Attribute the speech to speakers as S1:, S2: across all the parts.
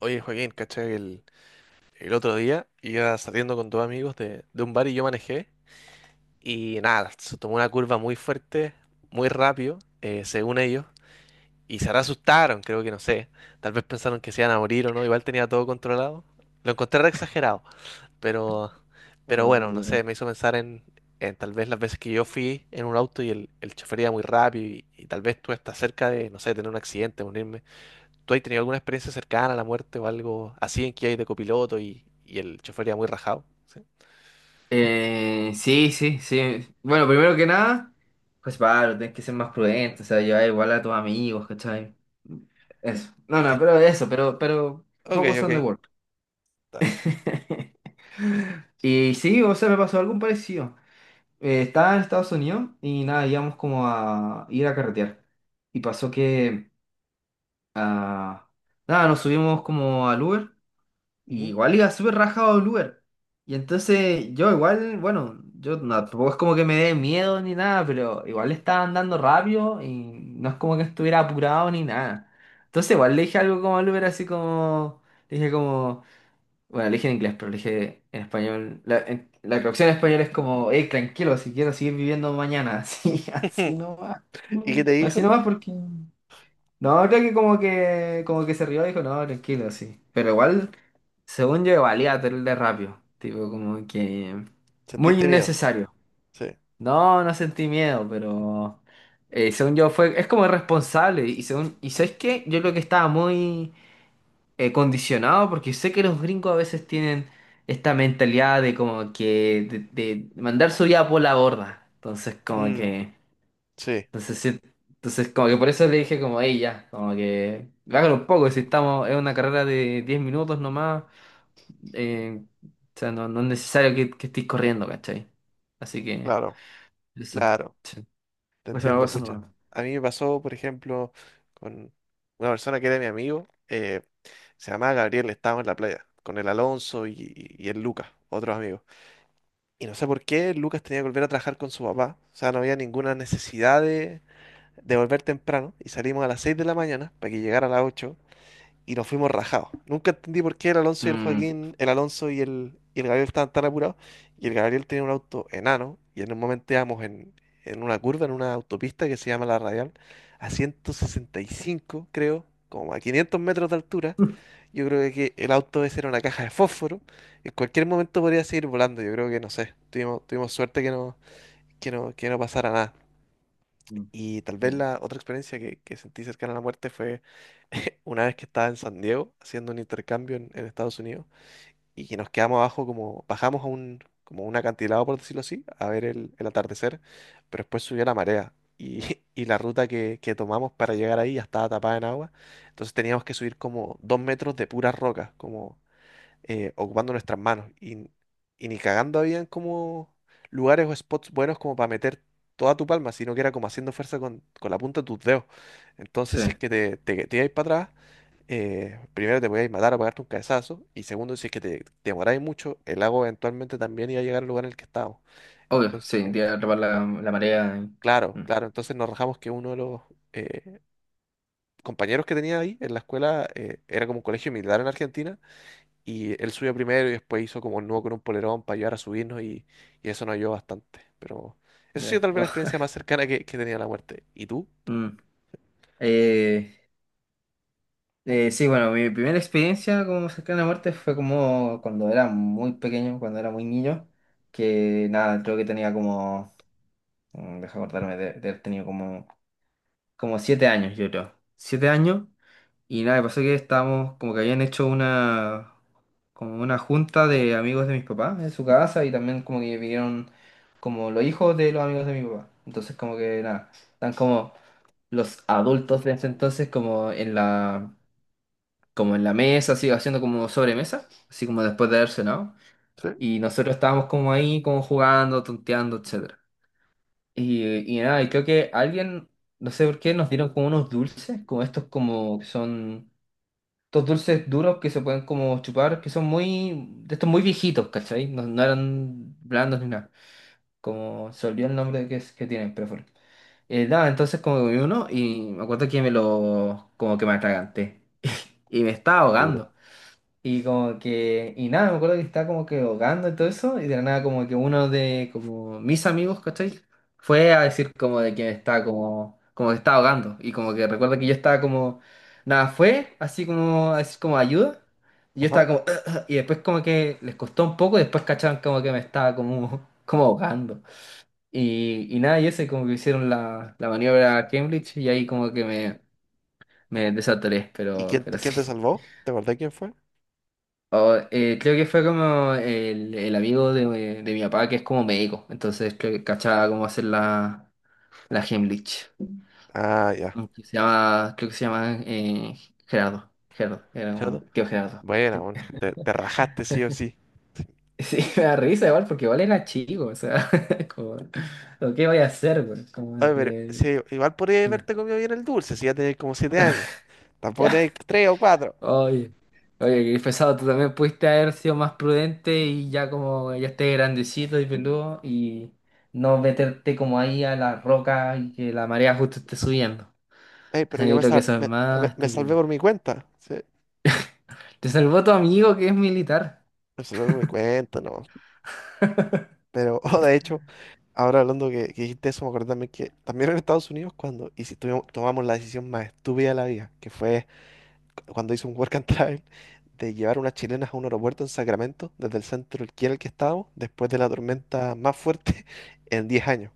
S1: Oye, Joaquín, ¿cachai? El otro día iba saliendo con dos amigos de un bar y yo manejé. Y nada, se tomó una curva muy fuerte, muy rápido, según ellos. Y se asustaron, creo que no sé. Tal vez pensaron que se iban a morir o no. Igual tenía todo controlado. Lo encontré re exagerado. Pero, pero
S2: Ay, Dios
S1: bueno, no sé,
S2: mío.
S1: me hizo pensar en tal vez las veces que yo fui en un auto y el chofer iba muy rápido. Y tal vez tú estás cerca de, no sé, tener un accidente, morirme. ¿Tú has tenido alguna experiencia cercana a la muerte o algo así en que hay de copiloto y el chofer iba muy rajado? ¿Sí?
S2: Sí, sí, sí. Bueno, primero que nada, pues Pablo, tienes que ser más prudente, o sea, llevar igual a tus amigos, ¿cachai? Eso. No, no,
S1: Eh,
S2: pero eso, pero
S1: Ok,
S2: focus on the
S1: ok.
S2: work.
S1: Está-
S2: Y sí, o sea, me pasó algo parecido. Estaba en Estados Unidos y nada, íbamos como a ir a carretear. Y pasó que, ah, nada, nos subimos como al Uber y
S1: Ujú.
S2: igual iba súper rajado al lugar. Y entonces yo igual, bueno, yo no, tampoco es como que me dé miedo ni nada, pero igual estaba andando rápido y no es como que estuviera apurado ni nada. Entonces igual le dije algo como al Uber, así como, le dije como, bueno, le dije en inglés, pero le dije en español, la, la traducción en español es como, hey, tranquilo, si quiero seguir viviendo mañana, así, así nomás.
S1: ¿Y qué te
S2: Así
S1: dijo?
S2: nomás porque... No, creo que como que se rió y dijo, no, tranquilo, sí. Pero igual según yo, valía el de rápido. Tipo, como que muy
S1: ¿Sentiste miedo?
S2: innecesario.
S1: Sí.
S2: No, no sentí miedo, pero según yo fue, es como irresponsable. Y según, y ¿sabes qué? Yo creo que estaba muy condicionado porque sé que los gringos a veces tienen esta mentalidad de como que de mandar su vida por la borda. Entonces, como
S1: Mm,
S2: que,
S1: sí,
S2: entonces, entonces como que por eso le dije como, ella, como que, hágalo un poco, si estamos, es una carrera de 10 minutos nomás. O sea, no, no es necesario que estés corriendo, ¿cachai? Así que,
S1: claro,
S2: eso.
S1: claro.
S2: Sí.
S1: Te
S2: O sea,
S1: entiendo,
S2: eso
S1: pucha.
S2: no.
S1: A mí me pasó, por ejemplo, con una persona que era mi amigo, se llamaba Gabriel. Estábamos en la playa, con el Alonso y el Lucas, otros amigos. Y no sé por qué Lucas tenía que volver a trabajar con su papá. O sea, no había ninguna necesidad de volver temprano y salimos a las 6 de la mañana para que llegara a las 8 y nos fuimos rajados. Nunca entendí por qué el Alonso y el
S2: Mm.
S1: Joaquín, el Alonso y el Gabriel estaban tan apurados y el Gabriel tenía un auto enano y en un momento íbamos en una curva, en una autopista que se llama La Radial, a 165 creo, como a 500 metros de altura. Yo creo que el auto ese era una caja de fósforo. En cualquier momento podría seguir volando. Yo creo que no sé. Tuvimos suerte que no, que no pasara nada.
S2: Mm,
S1: Y tal vez
S2: mm.
S1: la otra experiencia que sentí cercana a la muerte fue una vez que estaba en San Diego haciendo un intercambio en Estados Unidos y que nos quedamos abajo como, bajamos a un, como un acantilado, por decirlo así, a ver el atardecer, pero después subió la marea y, y la ruta que tomamos para llegar ahí ya estaba tapada en agua, entonces teníamos que subir como dos metros de puras rocas, como ocupando nuestras manos. Y ni cagando habían como lugares o spots buenos como para meter toda tu palma, sino que era como haciendo fuerza con la punta de tus dedos. Entonces,
S2: Sí,
S1: si es que te ibais para atrás, primero te podíais matar o pegarte un cabezazo, y segundo, si es que te demoráis mucho, el lago eventualmente también iba a llegar al lugar en el que estábamos.
S2: obvio, sí,
S1: Entonces,
S2: iría a atrapar la, la marea.
S1: claro, claro, entonces nos rajamos que uno de los... eh, compañeros que tenía ahí en la escuela era como un colegio militar en Argentina. Y él subió primero y después hizo como un nudo con un polerón para ayudar a subirnos y eso nos ayudó bastante. Pero eso ha sido
S2: Ya.
S1: tal vez
S2: Oh.
S1: la experiencia más cercana que tenía a la muerte. ¿Y tú?
S2: Mm. Eh, sí, bueno, mi primera experiencia como cercana a la muerte fue como cuando era muy pequeño, cuando era muy niño, que nada, creo que tenía como, deja acordarme de haber tenido como, como 7 años, yo creo. 7 años. Y nada, pasó que estábamos, como que habían hecho una, como una junta de amigos de mis papás en su casa y también como que vinieron como los hijos de los amigos de mi papá. Entonces como que nada, están como los adultos de ese entonces como en la mesa, así haciendo como sobremesa, así como después de haber cenado.
S1: Sí,
S2: Y nosotros estábamos como ahí, como jugando, tonteando, etcétera. Y nada, y creo que alguien, no sé por qué, nos dieron como unos dulces, como estos como que son estos dulces duros que se pueden como chupar, que son muy, de estos muy viejitos, ¿cachai? No, no eran blandos ni nada, como se olvidó el nombre que, es, que tienen, pero bueno. Nada, entonces como comí uno y me acuerdo que me lo, como que me atraganté y me estaba
S1: seguro.
S2: ahogando. Y como que, y nada, me acuerdo que estaba como que ahogando y todo eso, y de la nada como que uno de como mis amigos, ¿cachai? Fue a decir como de que me estaba como, como que estaba ahogando, y como que recuerdo que yo estaba como, nada, fue así como a decir como ayuda, y yo estaba
S1: Ajá.
S2: como, y después como que les costó un poco, y después cacharon como que me estaba como, como ahogando. Y nada, y ese como que hicieron la, la maniobra Cambridge, y ahí como que me desatoré,
S1: ¿Y
S2: pero,
S1: quién,
S2: pero
S1: quién
S2: sí.
S1: te salvó? ¿Te acordás quién fue?
S2: Oh, creo que fue como el amigo de mi papá que es como médico, entonces creo que cachaba cómo hacer la, la Heimlich.
S1: Ah, ya.
S2: Mm, que se llama, creo que se llama Gerardo. Gerardo, era un
S1: ¿Chato?
S2: tío Gerardo.
S1: Buena,
S2: Sí.
S1: bueno, te rajaste sí o sí.
S2: Sí, me da risa igual porque igual era chico, o sea, como, ¿lo que voy a hacer, güey? Como
S1: Oye, pero
S2: que...
S1: sí, igual podría
S2: ah,
S1: haberte comido bien el dulce si ya tenés como 7 años. Tampoco
S2: ya.
S1: tenés tres o cuatro.
S2: Oye, oye, qué pesado, tú también pudiste haber sido más prudente y ya como ya estés grandecito y peludo y no meterte como ahí a la roca y que la marea justo esté subiendo.
S1: Ey,
S2: O
S1: pero
S2: sea,
S1: yo
S2: yo
S1: me,
S2: creo que
S1: sal-
S2: eso es
S1: me, me-
S2: más
S1: me salvé
S2: estúpido.
S1: por mi cuenta. Sí,
S2: Te salvó tu amigo que es militar.
S1: me salvé por mi cuenta, no. Pero, oh, de hecho, ahora hablando que dijiste eso, me acordé también que también en Estados Unidos, cuando y si tomamos la decisión más estúpida de la vida, que fue cuando hice un work and travel, de llevar unas chilenas a un aeropuerto en Sacramento, desde el centro aquí en el que estábamos, después de la tormenta más fuerte en 10 años,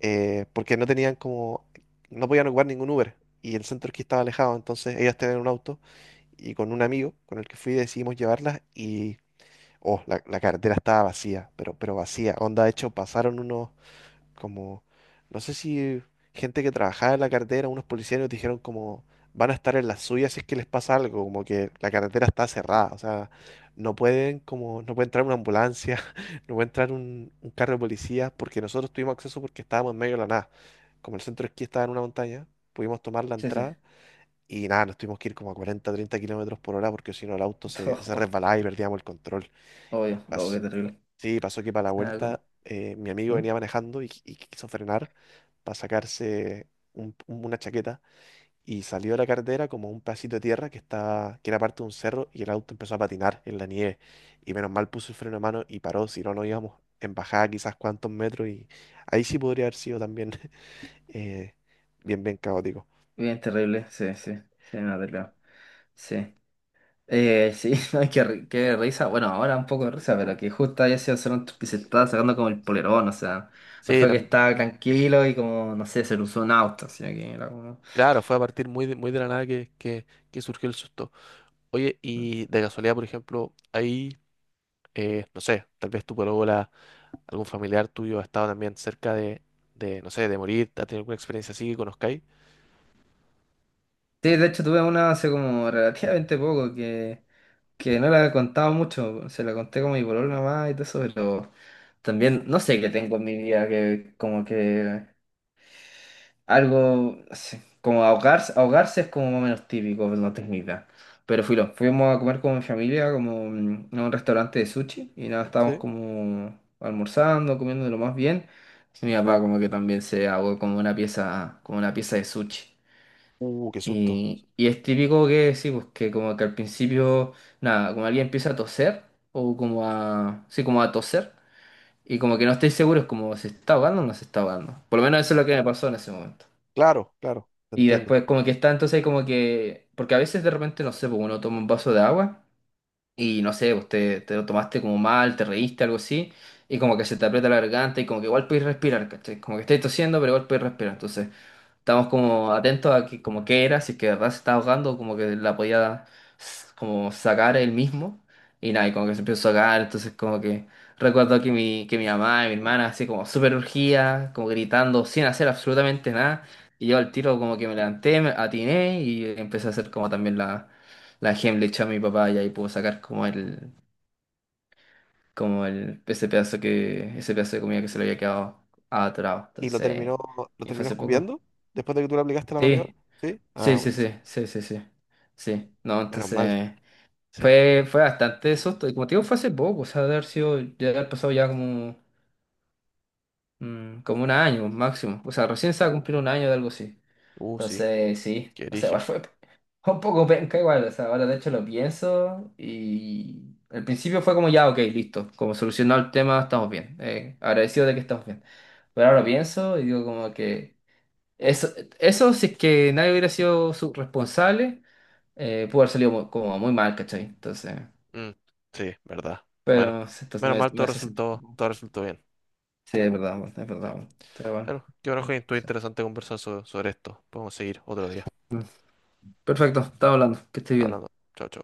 S1: porque no tenían como, no podían ocupar ningún Uber. Y el centro aquí estaba alejado, entonces ellas tenían un auto y con un amigo con el que fui decidimos llevarlas y oh, la carretera estaba vacía, pero vacía. Onda, de hecho, pasaron unos como, no sé si gente que trabajaba en la carretera, unos policías nos dijeron como, van a estar en la suya si es que les pasa algo, como que la carretera está cerrada, o sea, no pueden como, no puede entrar una ambulancia, no puede entrar un carro de policía, porque nosotros tuvimos acceso porque estábamos en medio de la nada. Como el centro de esquí estaba en una montaña, pudimos tomar la
S2: Sí, sí.
S1: entrada y nada, nos tuvimos que ir como a 40 30 km/h porque si no el auto se, se resbalaba y perdíamos el control.
S2: Obvio, obvio, qué
S1: Pas-
S2: terrible.
S1: Sí, pasó que para
S2: O
S1: la
S2: sea, como-
S1: vuelta mi amigo
S2: ¿Mm?
S1: venía manejando y quiso frenar para sacarse una chaqueta y salió de la carretera como un pedacito de tierra que estaba, que era parte de un cerro y el auto empezó a patinar en la nieve y menos mal puso el freno a mano y paró, si no, no íbamos en bajada quizás cuántos metros y ahí sí podría haber sido también eh, bien, bien caótico.
S2: Bien terrible, sí, sí. Sí, no te creo. Sí. Sí, no qué, ri- qué risa. Bueno, ahora un poco de risa, pero que justo haya sido Toronto que se estaba sacando como el polerón, o sea, no
S1: Sí,
S2: fue que
S1: tam-
S2: estaba tranquilo y como, no sé, se le usó un auto, sino que era como...
S1: claro, fue a partir muy de la nada que, que surgió el susto. Oye,
S2: Mm.
S1: y de casualidad, por ejemplo, ahí no sé, tal vez tu polola, algún familiar tuyo ha estado también cerca de, no sé, de morir, ha tenido alguna experiencia así que conozcáis.
S2: Sí, de hecho tuve una hace como relativamente poco que no la he contado mucho, se la conté como a mi polola nomás y todo eso, pero también no sé qué tengo en mi vida que como que algo, no sé, como ahogarse, ahogarse es como más o menos típico, pero no tengo idea. Pero filo, fuimos a comer con mi familia, como a un restaurante de sushi, y nada, estábamos
S1: Sí.
S2: como almorzando, comiendo de lo más bien. Y mi papá como que también se ahogó como una pieza de sushi.
S1: Qué susto.
S2: Y es típico que sí, pues que como que al principio, nada, como alguien empieza a toser, o como a, sí, como a toser, y como que no estoy seguro, es como se está ahogando o no se está ahogando. Por lo menos eso es lo que me pasó en ese momento.
S1: Claro, claro, te
S2: Y
S1: entiendo.
S2: después como que está entonces como que... Porque a veces de repente, no sé, pues uno toma un vaso de agua y no sé, usted te lo tomaste como mal, te reíste, algo así, y como que se te aprieta la garganta y como que igual puedes respirar, ¿cachai? Como que estáis tosiendo, pero igual puedes respirar. Entonces, estamos como atentos a que, como qué era, si es que de verdad se estaba ahogando, como que la podía como sacar él mismo. Y nada, y como que se empezó a ahogar, entonces como que recuerdo que mi mamá y mi hermana así como súper urgía, como gritando, sin hacer absolutamente nada. Y yo al tiro como que me levanté, me atiné y empecé a hacer como también la, la Heimlich a mi papá y ahí pudo sacar como el, ese pedazo que, ese pedazo de comida que se le había quedado atrapado.
S1: ¿Y
S2: Entonces,
S1: lo
S2: y fue
S1: terminó
S2: hace poco.
S1: escupiendo después de que tú le aplicaste la maniobra?
S2: Sí.
S1: Sí. Ah,
S2: Sí, sí, sí,
S1: buenísimo.
S2: sí, sí, sí, sí, no,
S1: Menos mal.
S2: entonces
S1: Sí.
S2: fue, fue bastante eso, y como te digo, fue hace poco, o sea, de haber sido, ya haber pasado ya como, como un año máximo, o sea, recién se va a cumplir un año de algo así,
S1: Sí,
S2: entonces sí,
S1: qué
S2: o sea, igual
S1: erigio.
S2: fue un poco penca igual, o sea, ahora de hecho lo pienso y al principio fue como ya, ok, listo, como solucionado el tema, estamos bien, agradecido de que estamos bien, pero ahora lo pienso y digo como que... Eso, eso si es que nadie hubiera sido su responsable, pudo haber salido como muy mal, ¿cachai? Entonces,
S1: Sí, verdad. Bueno,
S2: pero sí,
S1: menos
S2: entonces
S1: mal
S2: me hace sentir.
S1: todo resultó bien.
S2: Sí, es verdad, es
S1: Sí.
S2: verdad. Está bueno.
S1: Bueno, qué bueno, Joaquín, estuvo interesante conversar sobre esto. Podemos seguir otro día.
S2: Perfecto, estamos hablando, que estés
S1: Hablando.
S2: bien.
S1: Chao, chao.